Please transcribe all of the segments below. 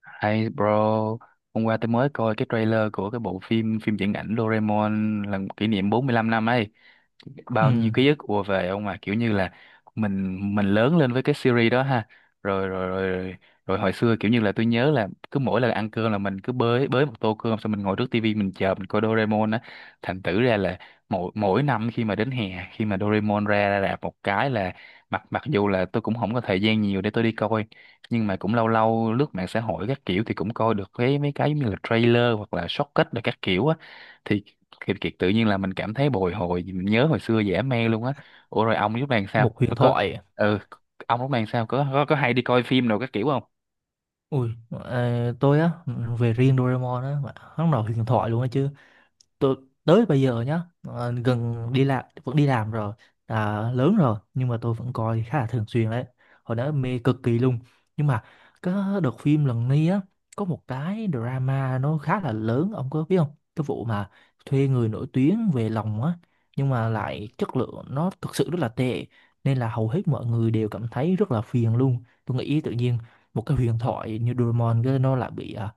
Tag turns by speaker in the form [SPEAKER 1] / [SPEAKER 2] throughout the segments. [SPEAKER 1] Hay bro, hôm qua tôi mới coi cái trailer của cái bộ phim phim viễn ảnh Doraemon lần kỷ niệm 45 năm ấy. Bao nhiêu
[SPEAKER 2] Ừ,
[SPEAKER 1] ký ức ùa về ông à, kiểu như là mình lớn lên với cái series đó ha. Rồi rồi rồi rồi, rồi hồi xưa kiểu như là tôi nhớ là cứ mỗi lần ăn cơm là mình cứ bới bới một tô cơm xong mình ngồi trước tivi mình chờ mình coi Doraemon á. Thành thử ra là mỗi mỗi năm khi mà đến hè, khi mà Doraemon ra ra rạp một cái là mặc mặc dù là tôi cũng không có thời gian nhiều để tôi đi coi, nhưng mà cũng lâu lâu lướt mạng xã hội các kiểu thì cũng coi được cái mấy cái giống như là trailer hoặc là shortcut rồi các kiểu á, thì Kiệt, tự nhiên là mình cảm thấy bồi hồi, mình nhớ hồi xưa dễ mê luôn á. Ủa rồi ông lúc này sao
[SPEAKER 2] một huyền thoại.
[SPEAKER 1] ừ, ông lúc này sao có hay đi coi phim nào các kiểu không?
[SPEAKER 2] Ui, tôi á, về riêng Doraemon á, mà hắn là huyền thoại luôn á chứ. Tôi tới bây giờ nhá gần đi làm vẫn đi làm rồi, à, lớn rồi nhưng mà tôi vẫn coi khá là thường xuyên đấy. Hồi đó mê cực kỳ luôn, nhưng mà cái đợt phim lần này á có một cái drama nó khá là lớn, ông có biết không, cái vụ mà thuê người nổi tiếng về lòng á, nhưng mà lại chất lượng nó thực sự rất là tệ, nên là hầu hết mọi người đều cảm thấy rất là phiền luôn. Tôi nghĩ tự nhiên một cái huyền thoại như Doraemon cái nó lại bị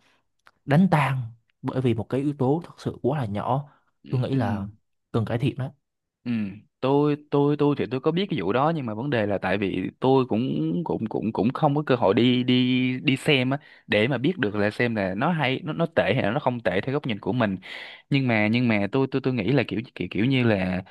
[SPEAKER 2] đánh tan bởi vì một cái yếu tố thật sự quá là nhỏ.
[SPEAKER 1] Ừ,
[SPEAKER 2] Tôi nghĩ
[SPEAKER 1] ừ.
[SPEAKER 2] là cần cải thiện đó.
[SPEAKER 1] Ừ, tôi thì tôi có biết cái vụ đó, nhưng mà vấn đề là tại vì tôi cũng cũng cũng cũng không có cơ hội đi đi đi xem á, để mà biết được là xem là nó hay, nó tệ hay là nó không tệ theo góc nhìn của mình. Nhưng mà tôi nghĩ là kiểu kiểu kiểu như là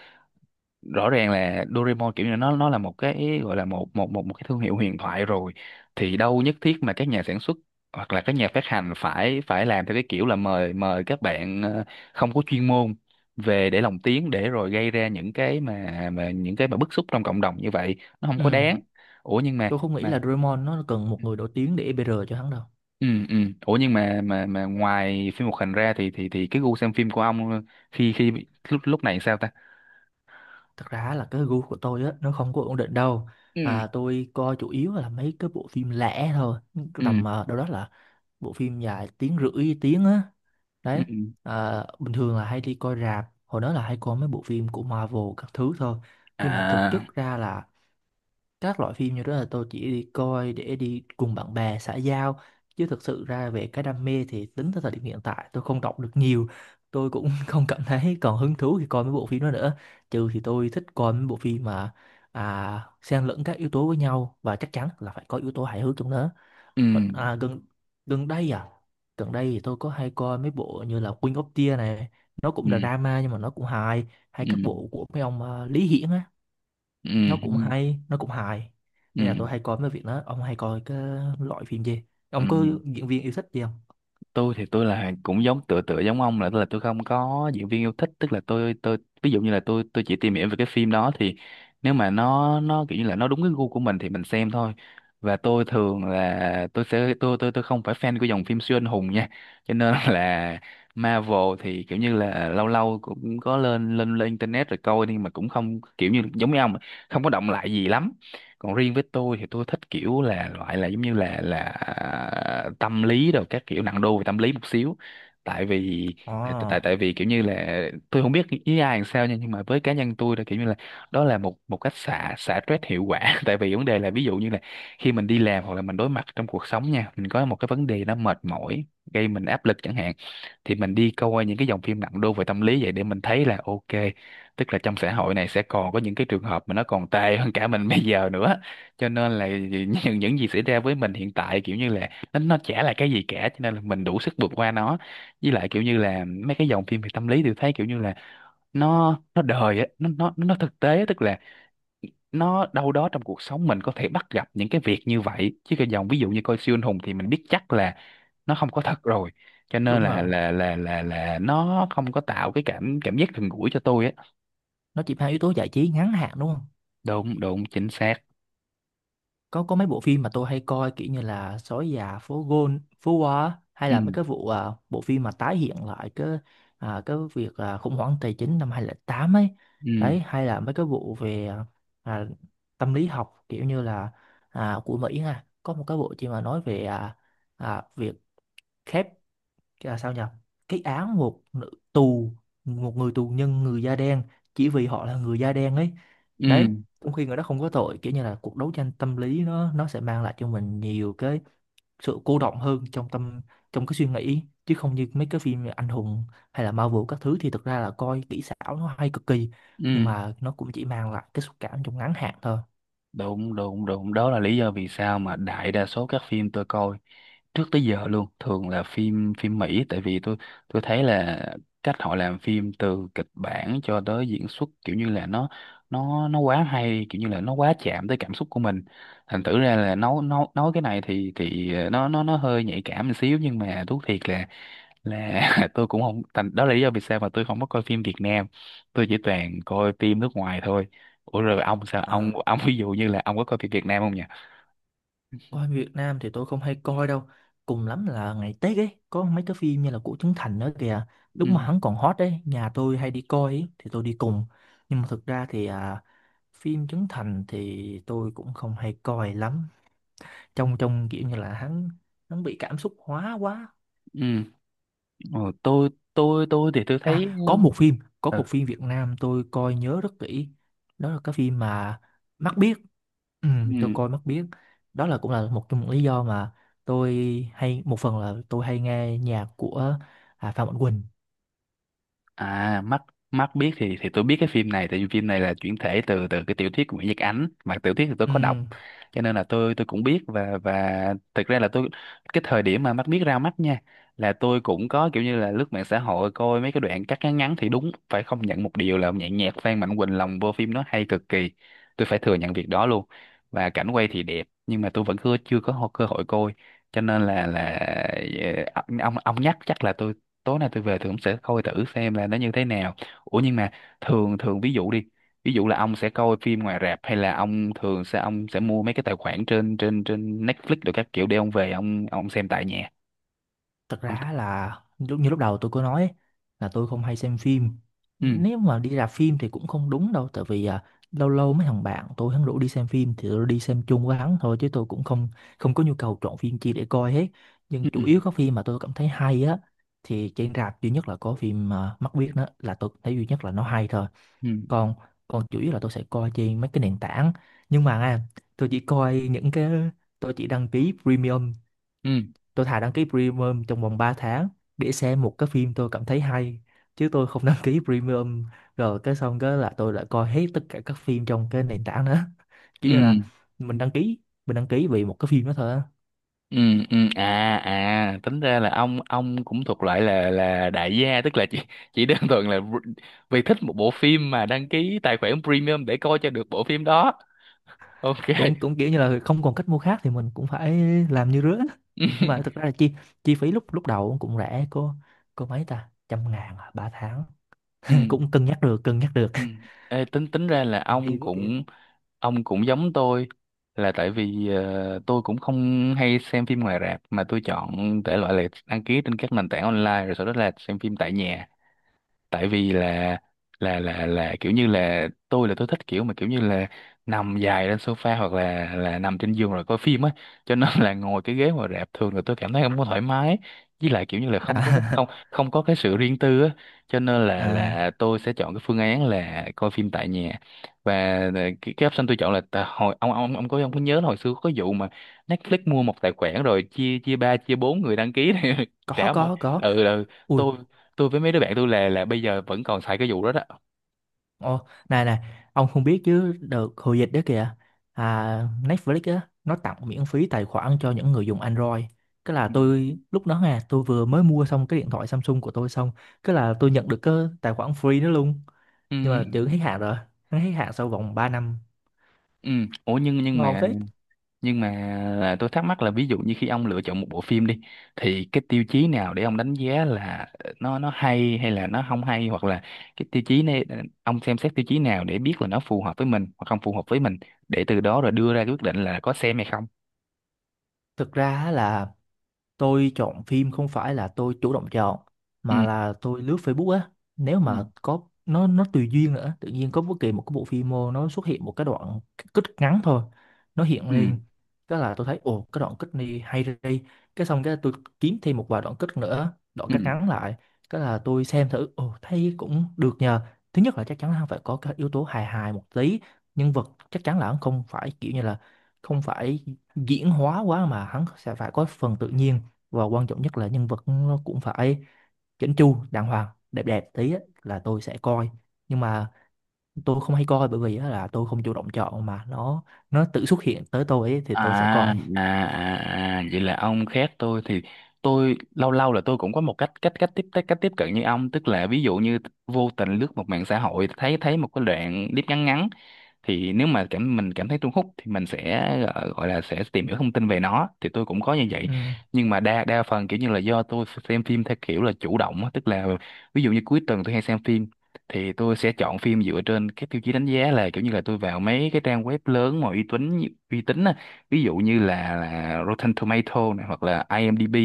[SPEAKER 1] rõ ràng là Doraemon kiểu như nó là một cái gọi là một một một một cái thương hiệu huyền thoại rồi, thì đâu nhất thiết mà các nhà sản xuất hoặc là các nhà phát hành phải phải làm theo cái kiểu là mời mời các bạn không có chuyên môn về để lồng tiếng, để rồi gây ra những cái mà những cái mà bức xúc trong cộng đồng như vậy, nó không có
[SPEAKER 2] Ừ.
[SPEAKER 1] đáng. Ủa nhưng mà
[SPEAKER 2] Tôi không nghĩ
[SPEAKER 1] mà
[SPEAKER 2] là Draymond nó cần một người nổi tiếng để EBR cho hắn đâu.
[SPEAKER 1] ừ, ừ. Ủa nhưng mà ngoài phim hoạt hình ra thì cái gu xem phim của ông khi khi lúc lúc này sao ta?
[SPEAKER 2] Thật ra là cái gu của tôi á nó không có ổn định đâu.
[SPEAKER 1] Ừ,
[SPEAKER 2] À, tôi coi chủ yếu là mấy cái bộ phim lẻ thôi,
[SPEAKER 1] ừ,
[SPEAKER 2] tầm đâu đó là bộ phim dài tiếng rưỡi tiếng á,
[SPEAKER 1] ừ.
[SPEAKER 2] đấy. À, bình thường là hay đi coi rạp, hồi đó là hay coi mấy bộ phim của Marvel các thứ thôi, nhưng mà thực chất
[SPEAKER 1] À.
[SPEAKER 2] ra là các loại phim như đó là tôi chỉ đi coi để đi cùng bạn bè xã giao, chứ thực sự ra về cái đam mê thì tính tới thời điểm hiện tại tôi không đọc được nhiều. Tôi cũng không cảm thấy còn hứng thú khi coi mấy bộ phim đó nữa, trừ thì tôi thích coi mấy bộ phim mà xen lẫn các yếu tố với nhau và chắc chắn là phải có yếu tố hài hước trong đó.
[SPEAKER 1] Ừ,
[SPEAKER 2] Hoặc- à, gần gần đây gần đây thì tôi có hay coi mấy bộ như là Queen of Tears này, nó cũng
[SPEAKER 1] ừ,
[SPEAKER 2] drama nhưng mà nó cũng hài, hay
[SPEAKER 1] ừ,
[SPEAKER 2] các bộ của mấy ông Lý Hiển á,
[SPEAKER 1] ừ,
[SPEAKER 2] nó cũng
[SPEAKER 1] ừ,
[SPEAKER 2] hay nó cũng hài. Nên là
[SPEAKER 1] ừ,
[SPEAKER 2] tôi hay coi mấy việc đó. Ông hay coi cái loại phim gì,
[SPEAKER 1] ừ.
[SPEAKER 2] ông có diễn viên yêu thích gì không?
[SPEAKER 1] Tôi thì tôi là cũng giống tựa tựa giống ông, là tôi không có diễn viên yêu thích, tức là tôi ví dụ như là tôi chỉ tìm hiểu về cái phim đó, thì nếu mà nó kiểu như là nó đúng cái gu của mình thì mình xem thôi. Và tôi thường là tôi sẽ tôi không phải fan của dòng phim siêu anh hùng nha, cho nên là Marvel thì kiểu như là lâu lâu cũng có lên lên lên internet rồi coi, nhưng mà cũng không kiểu như giống như ông, không có động lại gì lắm. Còn riêng với tôi thì tôi thích kiểu là loại là giống như là tâm lý, rồi các kiểu nặng đô về tâm lý một xíu, tại vì
[SPEAKER 2] Ồ,
[SPEAKER 1] tại vì kiểu như là tôi không biết với ai làm sao nha, nhưng mà với cá nhân tôi là kiểu như là đó là một một cách xả xả stress hiệu quả tại vì vấn đề là ví dụ như là khi mình đi làm hoặc là mình đối mặt trong cuộc sống nha, mình có một cái vấn đề nó mệt mỏi gây mình áp lực chẳng hạn, thì mình đi coi những cái dòng phim nặng đô về tâm lý vậy để mình thấy là ok, tức là trong xã hội này sẽ còn có những cái trường hợp mà nó còn tệ hơn cả mình bây giờ nữa, cho nên là những gì xảy ra với mình hiện tại kiểu như là nó chả là cái gì cả, cho nên là mình đủ sức vượt qua nó. Với lại kiểu như là mấy cái dòng phim về tâm lý tôi thấy kiểu như là nó đời á, nó thực tế á, tức là nó đâu đó trong cuộc sống mình có thể bắt gặp những cái việc như vậy, chứ cái dòng ví dụ như coi siêu anh hùng thì mình biết chắc là nó không có thật rồi, cho nên
[SPEAKER 2] đúng
[SPEAKER 1] là
[SPEAKER 2] rồi,
[SPEAKER 1] là là là là nó không có tạo cái cảm cảm giác gần gũi cho tôi á.
[SPEAKER 2] nó chỉ mang yếu tố giải trí ngắn hạn đúng không.
[SPEAKER 1] Đúng đúng, chính xác.
[SPEAKER 2] Có có mấy bộ phim mà tôi hay coi kiểu như là Sói già phố Gôn phố Hoa á, hay
[SPEAKER 1] Ừ,
[SPEAKER 2] là mấy cái vụ bộ phim mà tái hiện lại cái cái việc khủng hoảng tài chính năm 2008 ấy,
[SPEAKER 1] ừ,
[SPEAKER 2] đấy, hay là mấy cái vụ về à, tâm lý học kiểu như là của Mỹ ha, có một cái bộ phim mà nói về việc khép, cái là sao nhỉ, cái án một nữ tù, một người tù nhân người da đen, chỉ vì họ là người da đen ấy,
[SPEAKER 1] ừ,
[SPEAKER 2] đấy, trong khi người đó không có tội, kiểu như là cuộc đấu tranh tâm lý nó sẽ mang lại cho mình nhiều cái sự cô động hơn trong tâm, trong cái suy nghĩ, chứ không như mấy cái phim anh hùng hay là Marvel các thứ thì thực ra là coi kỹ xảo nó hay cực kỳ, nhưng
[SPEAKER 1] ừ.
[SPEAKER 2] mà nó cũng chỉ mang lại cái xúc cảm trong ngắn hạn
[SPEAKER 1] Đúng đúng đúng, đó là lý do vì sao mà đại đa số các phim tôi coi trước tới giờ luôn thường là phim phim Mỹ, tại vì tôi thấy là cách họ làm phim từ kịch bản cho tới diễn xuất kiểu như là nó quá hay, kiểu như là nó quá chạm tới cảm xúc của mình. Thành thử ra là nói cái này thì nó hơi nhạy cảm một xíu, nhưng mà thú thiệt là là tôi cũng không thành, đó là lý do vì sao mà tôi không có coi phim Việt Nam, tôi chỉ toàn coi phim nước ngoài thôi. Ủa rồi ông sao ông
[SPEAKER 2] thôi.
[SPEAKER 1] ông ví dụ như là ông có coi phim Việt Nam không nhỉ?
[SPEAKER 2] Coi Việt Nam thì tôi không hay coi đâu. Cùng lắm là ngày Tết ấy, có mấy cái phim như là của Trấn Thành nữa kìa. Lúc mà
[SPEAKER 1] Ừ,
[SPEAKER 2] hắn còn hot ấy, nhà tôi hay đi coi ấy, thì tôi đi cùng. Nhưng mà thực ra thì phim Trấn Thành thì tôi cũng không hay coi lắm. Trong trong kiểu như là hắn hắn bị cảm xúc hóa quá.
[SPEAKER 1] ừ, ừ. Ờ, tôi thì tôi thấy
[SPEAKER 2] À, có
[SPEAKER 1] ừ,
[SPEAKER 2] một phim Việt Nam tôi coi nhớ rất kỹ. Đó là cái phim mà Mắt Biếc. Ừ, tôi
[SPEAKER 1] ừ.
[SPEAKER 2] coi Mắt Biếc. Đó là cũng là một trong những lý do mà tôi hay, một phần là tôi hay nghe nhạc của Phan Mạnh Quỳnh.
[SPEAKER 1] À, mắt mắt Biết thì tôi biết cái phim này tại vì phim này là chuyển thể từ từ cái tiểu thuyết của Nguyễn Nhật Ánh, mà tiểu thuyết thì tôi có đọc
[SPEAKER 2] Ừ.
[SPEAKER 1] cho nên là tôi cũng biết, và thực ra là tôi cái thời điểm mà Mắt Biết ra mắt nha, là tôi cũng có kiểu như là lướt mạng xã hội coi mấy cái đoạn cắt ngắn ngắn, thì đúng phải không nhận một điều là nhạc nhạc Phan Mạnh Quỳnh lồng vô phim nó hay cực kỳ, tôi phải thừa nhận việc đó luôn. Và cảnh quay thì đẹp, nhưng mà tôi vẫn chưa chưa có cơ hội coi, cho nên là ờ, ông nhắc chắc là tôi tối nay tôi về tôi cũng sẽ coi thử xem là nó như thế nào. Ủa nhưng mà thường thường ví dụ đi, ví dụ là ông sẽ coi phim ngoài rạp hay là ông sẽ mua mấy cái tài khoản trên trên trên Netflix rồi các kiểu để ông về ông xem tại nhà
[SPEAKER 2] Thật
[SPEAKER 1] ông?
[SPEAKER 2] ra là lúc đầu tôi có nói ấy, là tôi không hay xem phim,
[SPEAKER 1] Ừ,
[SPEAKER 2] nếu mà đi rạp phim thì cũng không đúng đâu, tại vì lâu lâu mấy thằng bạn tôi hắn rủ đi xem phim thì tôi đi xem chung với hắn thôi, chứ tôi cũng không, không có nhu cầu chọn phim chi để coi hết, nhưng
[SPEAKER 1] ừ, ừ,
[SPEAKER 2] chủ yếu các phim mà tôi cảm thấy hay á thì trên rạp duy nhất là có phim Mắt Biếc, đó là tôi thấy duy nhất là nó hay thôi.
[SPEAKER 1] ừ,
[SPEAKER 2] Còn, còn chủ yếu là tôi sẽ coi trên mấy cái nền tảng, nhưng mà tôi chỉ coi những cái, tôi chỉ đăng ký premium.
[SPEAKER 1] ừ,
[SPEAKER 2] Tôi thà đăng ký premium trong vòng 3 tháng để xem một cái phim tôi cảm thấy hay, chứ tôi không đăng ký premium rồi cái xong cái là tôi lại coi hết tất cả các phim trong cái nền tảng đó, kiểu như là
[SPEAKER 1] ừ,
[SPEAKER 2] mình đăng ký, mình đăng ký vì một cái phim đó thôi á.
[SPEAKER 1] ừ, ừ. À, à, tính ra là ông cũng thuộc loại là đại gia, tức là chỉ đơn thuần là vì thích một bộ phim mà đăng ký tài khoản premium để coi cho được bộ phim đó, ok.
[SPEAKER 2] Cũng cũng kiểu như là không còn cách mua khác thì mình cũng phải làm như rứa, nhưng mà thực ra là chi chi phí lúc lúc đầu cũng rẻ, có mấy ta trăm ngàn 3 tháng,
[SPEAKER 1] Ừ.
[SPEAKER 2] cũng cân nhắc được, cân nhắc được.
[SPEAKER 1] Ừ. Ê, tính tính
[SPEAKER 2] Chứ
[SPEAKER 1] ra
[SPEAKER 2] tự
[SPEAKER 1] là
[SPEAKER 2] nhiên mình
[SPEAKER 1] ông
[SPEAKER 2] ghiền quá kìa.
[SPEAKER 1] cũng ông cũng giống tôi, là tại vì tôi cũng không hay xem phim ngoài rạp mà tôi chọn thể loại là đăng ký trên các nền tảng online rồi sau đó là xem phim tại nhà, tại vì là kiểu như là tôi thích kiểu kiểu như là nằm dài lên sofa hoặc là nằm trên giường rồi coi phim á, cho nên là ngồi cái ghế ngồi rạp thường là tôi cảm thấy không có thoải mái, với lại kiểu như là không có cái- không
[SPEAKER 2] À,
[SPEAKER 1] không có cái sự riêng tư á, cho nên là
[SPEAKER 2] à,
[SPEAKER 1] là tôi sẽ chọn cái phương án là coi phim tại nhà. Và cái option tôi chọn là tại hồi ông có có nhớ là hồi xưa có vụ mà Netflix mua một tài khoản rồi chia chia ba chia bốn người đăng ký này trả một
[SPEAKER 2] có
[SPEAKER 1] ừ, ừ.
[SPEAKER 2] Ui.
[SPEAKER 1] Tôi tôi với mấy đứa bạn tôi là bây giờ vẫn còn xài cái vụ đó đó.
[SPEAKER 2] Ồ, này này, ông không biết chứ đợt hồi dịch đó kìa, à, Netflix á, nó tặng miễn phí tài khoản cho những người dùng Android. Cái là
[SPEAKER 1] Ừ.
[SPEAKER 2] tôi, lúc đó nè, tôi vừa mới mua xong cái điện thoại Samsung của tôi xong, cái là tôi nhận được cái tài khoản free đó luôn. Nhưng mà
[SPEAKER 1] ừ
[SPEAKER 2] tưởng hết hạn rồi, nó hết hạn sau vòng 3 năm.
[SPEAKER 1] ừ ủa nhưng nhưng
[SPEAKER 2] Ngon
[SPEAKER 1] mà
[SPEAKER 2] phết.
[SPEAKER 1] nhưng mà là tôi thắc mắc là ví dụ như khi ông lựa chọn một bộ phim đi thì cái tiêu chí nào để ông đánh giá là nó hay hay là nó không hay, hoặc là cái tiêu chí này ông xem xét tiêu chí nào để biết là nó phù hợp với mình hoặc không phù hợp với mình, để từ đó rồi đưa ra cái quyết định là có xem hay không.
[SPEAKER 2] Thực ra á là tôi chọn phim không phải là tôi chủ động chọn, mà
[SPEAKER 1] ừ
[SPEAKER 2] là tôi lướt Facebook á, nếu
[SPEAKER 1] ừ
[SPEAKER 2] mà có nó tùy duyên nữa, tự nhiên có bất kỳ một cái bộ phim mô nó xuất hiện một cái đoạn cắt ngắn thôi, nó hiện
[SPEAKER 1] ừ
[SPEAKER 2] lên cái là tôi thấy ồ cái đoạn cắt này hay đi, cái xong cái tôi kiếm thêm một vài đoạn cắt nữa, đoạn
[SPEAKER 1] ừ
[SPEAKER 2] cắt ngắn lại, cái là tôi xem thử, ồ thấy cũng được nhờ. Thứ nhất là chắc chắn là phải có cái yếu tố hài hài một tí, nhân vật chắc chắn là không phải kiểu như là không phải diễn hóa quá mà hắn sẽ phải có phần tự nhiên, và quan trọng nhất là nhân vật nó cũng phải chỉnh chu đàng hoàng đẹp đẹp tí á, là tôi sẽ coi. Nhưng mà tôi không hay coi bởi vì á, là tôi không chủ động chọn mà nó tự xuất hiện tới tôi ấy, thì
[SPEAKER 1] à
[SPEAKER 2] tôi sẽ coi.
[SPEAKER 1] vậy là ông khác tôi. Thì tôi lâu lâu là tôi cũng có một cách cách cách tiếp cận như ông, tức là ví dụ như vô tình lướt một mạng xã hội, thấy thấy một cái đoạn clip ngắn ngắn, thì nếu mà mình cảm thấy thu hút thì mình sẽ gọi là sẽ tìm hiểu thông tin về nó. Thì tôi cũng có như vậy,
[SPEAKER 2] Ừ.
[SPEAKER 1] nhưng mà đa đa phần kiểu như là do tôi xem phim theo kiểu là chủ động á, tức là ví dụ như cuối tuần tôi hay xem phim thì tôi sẽ chọn phim dựa trên cái tiêu chí đánh giá là kiểu như là tôi vào mấy cái trang web lớn mà uy tín, uy tín á, ví dụ như là Rotten Tomato này, hoặc là IMDb,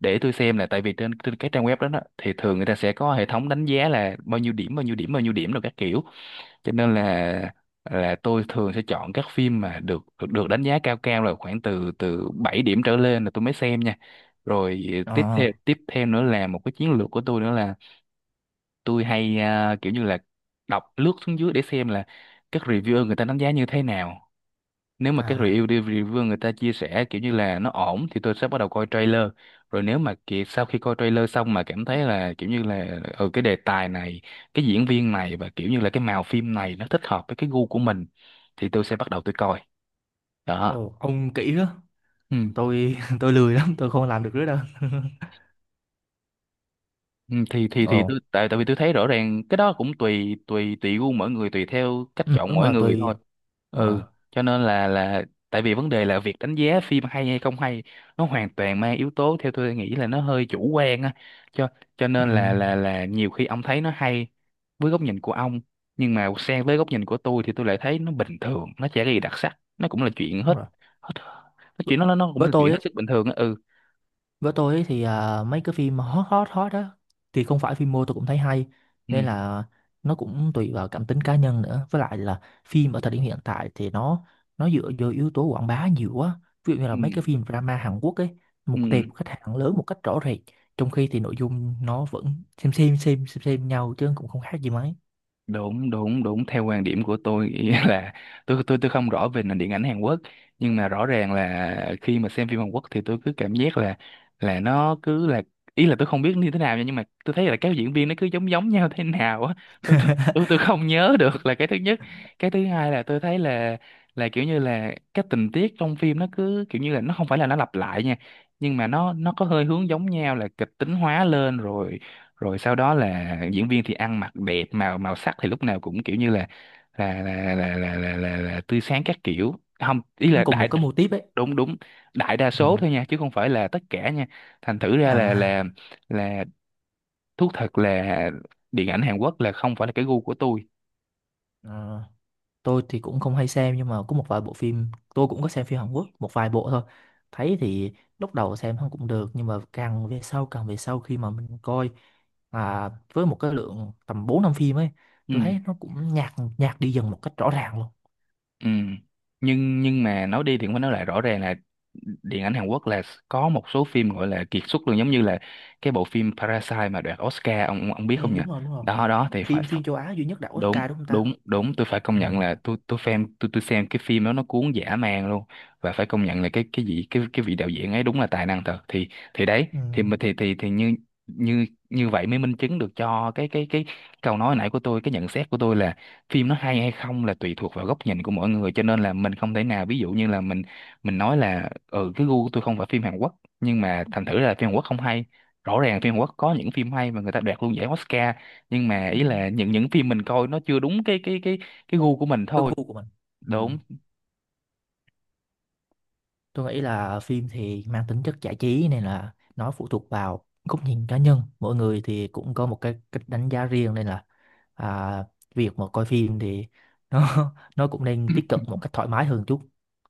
[SPEAKER 1] để tôi xem. Là tại vì trên trên cái trang web đó thì thường người ta sẽ có hệ thống đánh giá là bao nhiêu điểm rồi các kiểu, cho nên là tôi thường sẽ chọn các phim mà được được, được đánh giá cao, cao là khoảng từ từ 7 điểm trở lên là tôi mới xem nha. Rồi tiếp
[SPEAKER 2] ờ
[SPEAKER 1] theo tiếp theo nữa là một cái chiến lược của tôi nữa là tôi hay kiểu như là đọc lướt xuống dưới để xem là các reviewer người ta đánh giá như thế nào. Nếu mà các
[SPEAKER 2] à
[SPEAKER 1] review người ta chia sẻ kiểu như là nó ổn thì tôi sẽ bắt đầu coi trailer. Rồi nếu mà sau khi coi trailer xong mà cảm thấy là kiểu như là ừ, cái đề tài này, cái diễn viên này, và kiểu như là cái màu phim này nó thích hợp với cái gu của mình thì tôi sẽ bắt đầu tôi coi. Đó.
[SPEAKER 2] Ồ, ông kỹ đó.
[SPEAKER 1] Ừ
[SPEAKER 2] Tôi tôi lười lắm, tôi không làm được nữa đâu.
[SPEAKER 1] Ừ, thì
[SPEAKER 2] Ồ.
[SPEAKER 1] tôi, tại tại vì tôi thấy rõ ràng cái đó cũng tùy tùy tùy gu mỗi người, tùy theo cách
[SPEAKER 2] Ừ,
[SPEAKER 1] chọn
[SPEAKER 2] đúng
[SPEAKER 1] mỗi
[SPEAKER 2] rồi,
[SPEAKER 1] người
[SPEAKER 2] tôi
[SPEAKER 1] thôi.
[SPEAKER 2] đúng rồi.
[SPEAKER 1] Ừ, cho nên là tại vì vấn đề là việc đánh giá phim hay hay không hay, nó hoàn toàn mang yếu tố, theo tôi nghĩ là nó hơi chủ quan á, cho cho nên là
[SPEAKER 2] Ừ,
[SPEAKER 1] nhiều khi ông thấy nó hay với góc nhìn của ông, nhưng mà sang với góc nhìn của tôi thì tôi lại thấy nó bình thường, nó chả có gì đặc sắc, nó cũng là chuyện
[SPEAKER 2] đúng
[SPEAKER 1] hết
[SPEAKER 2] rồi.
[SPEAKER 1] hết, nó
[SPEAKER 2] với
[SPEAKER 1] chuyện nó cũng
[SPEAKER 2] với
[SPEAKER 1] là chuyện
[SPEAKER 2] tôi
[SPEAKER 1] hết
[SPEAKER 2] á,
[SPEAKER 1] sức bình thường á. Ừ
[SPEAKER 2] với tôi ấy thì mấy cái phim mà hot hot hot đó thì không phải phim mô tôi cũng thấy hay,
[SPEAKER 1] ừ
[SPEAKER 2] nên là nó cũng tùy vào cảm tính cá nhân nữa, với lại là phim ở thời điểm hiện tại thì nó dựa vô yếu tố quảng bá nhiều quá, ví dụ như là
[SPEAKER 1] ừ
[SPEAKER 2] mấy cái phim drama Hàn Quốc ấy, mục
[SPEAKER 1] ừ
[SPEAKER 2] tiêu khách hàng lớn một cách rõ rệt, trong khi thì nội dung nó vẫn xem nhau chứ cũng không khác gì mấy,
[SPEAKER 1] Đúng đúng đúng, theo quan điểm của tôi ý là tôi tôi không rõ về nền điện ảnh Hàn Quốc, nhưng mà rõ ràng là khi mà xem phim Hàn Quốc thì tôi cứ cảm giác là nó cứ là, ý là tôi không biết như thế nào nha, nhưng mà tôi thấy là các diễn viên nó cứ giống giống nhau thế nào á. Tôi tôi tôi tôi không nhớ được, là cái thứ nhất. Cái thứ hai là tôi thấy là kiểu như là các tình tiết trong phim nó cứ kiểu như là, nó không phải là nó lặp lại nha, nhưng mà nó có hơi hướng giống nhau, là kịch tính hóa lên rồi, rồi sau đó là diễn viên thì ăn mặc đẹp, màu màu sắc thì lúc nào cũng kiểu như là tươi sáng các kiểu, không ý
[SPEAKER 2] nó
[SPEAKER 1] là
[SPEAKER 2] cùng
[SPEAKER 1] đại,
[SPEAKER 2] một cái mô típ ấy.
[SPEAKER 1] đúng đúng, đại đa
[SPEAKER 2] Ừ.
[SPEAKER 1] số thôi nha, chứ không phải là tất cả nha. Thành thử ra là
[SPEAKER 2] à,
[SPEAKER 1] là thú thật là điện ảnh Hàn Quốc là không phải là cái gu của tôi.
[SPEAKER 2] à tôi thì cũng không hay xem, nhưng mà có một vài bộ phim, tôi cũng có xem phim Hàn Quốc một vài bộ thôi, thấy thì lúc đầu xem nó cũng được, nhưng mà càng về sau khi mà mình coi với một cái lượng tầm 4 5 phim ấy, tôi
[SPEAKER 1] ừ
[SPEAKER 2] thấy nó cũng nhạt nhạt đi dần một cách rõ ràng luôn.
[SPEAKER 1] ừ nhưng mà nói đi thì cũng phải nói lại, rõ ràng là điện ảnh Hàn Quốc là có một số phim gọi là kiệt xuất luôn, giống như là cái bộ phim Parasite mà đoạt Oscar, ông biết
[SPEAKER 2] Ừ,
[SPEAKER 1] không nhỉ?
[SPEAKER 2] đúng rồi đúng rồi.
[SPEAKER 1] Đó đó thì phải.
[SPEAKER 2] Phim, phim châu Á duy nhất đạt
[SPEAKER 1] Đúng
[SPEAKER 2] Oscar đúng không ta.
[SPEAKER 1] đúng đúng, tôi phải công
[SPEAKER 2] Ừ.
[SPEAKER 1] nhận là tôi tôi xem cái phim đó nó cuốn dã man luôn. Và phải công nhận là cái cái vị đạo diễn ấy đúng là tài năng thật. Thì đấy
[SPEAKER 2] Ừ.
[SPEAKER 1] thì mà- thì như Như như vậy mới minh chứng được cho cái câu nói nãy của tôi, cái nhận xét của tôi là phim nó hay hay không là tùy thuộc vào góc nhìn của mỗi người, cho nên là mình không thể nào, ví dụ như là mình nói là ừ cái gu của tôi không phải phim Hàn Quốc, nhưng mà thành thử là phim Hàn Quốc không hay. Rõ ràng phim Hàn Quốc có những phim hay mà người ta đoạt luôn giải Oscar, nhưng mà
[SPEAKER 2] Ừ.
[SPEAKER 1] ý là những phim mình coi nó chưa đúng cái gu của mình
[SPEAKER 2] Cái
[SPEAKER 1] thôi.
[SPEAKER 2] gu của mình. Ừ.
[SPEAKER 1] Đúng
[SPEAKER 2] Tôi nghĩ là phim thì mang tính chất giải trí, nên là nó phụ thuộc vào góc nhìn cá nhân mỗi người thì cũng có một cái cách đánh giá riêng, nên là à, việc mà coi phim thì nó nó cũng nên tiếp cận một cách thoải mái hơn chút.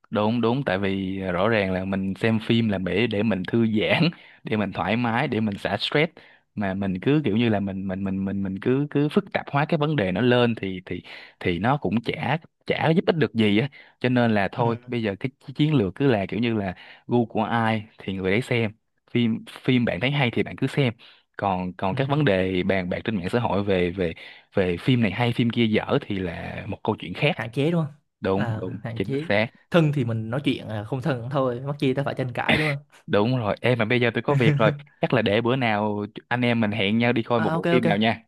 [SPEAKER 1] đúng đúng, tại vì rõ ràng là mình xem phim là để mình thư giãn, để mình thoải mái, để mình xả stress, mà mình cứ kiểu như là mình cứ cứ phức tạp hóa cái vấn đề nó lên thì nó cũng chả chả giúp ích được gì á, cho nên là thôi
[SPEAKER 2] Ừ.
[SPEAKER 1] bây giờ cái chiến lược cứ là kiểu như là gu của ai thì người đấy xem, phim phim bạn thấy hay thì bạn cứ xem, còn còn
[SPEAKER 2] Ừ.
[SPEAKER 1] các vấn đề bàn bạc trên mạng xã hội về về về phim này hay phim kia dở thì là một câu chuyện khác.
[SPEAKER 2] Hạn chế đúng không.
[SPEAKER 1] Đúng đúng,
[SPEAKER 2] À, hạn
[SPEAKER 1] chính
[SPEAKER 2] chế,
[SPEAKER 1] xác.
[SPEAKER 2] thân thì mình nói chuyện, không thân cũng thôi mắc chi ta phải tranh cãi đúng không.
[SPEAKER 1] Đúng rồi, em mà bây giờ tôi có việc rồi. Chắc là để bữa nào anh em mình hẹn nhau đi coi một
[SPEAKER 2] À, ok
[SPEAKER 1] bộ phim nào
[SPEAKER 2] ok,
[SPEAKER 1] nha.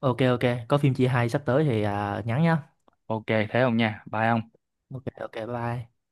[SPEAKER 2] ok ok, có phim chia hai sắp tới thì nhắn nhá.
[SPEAKER 1] Ok, thế không nha? Bye ông.
[SPEAKER 2] Ok ok, bye bye.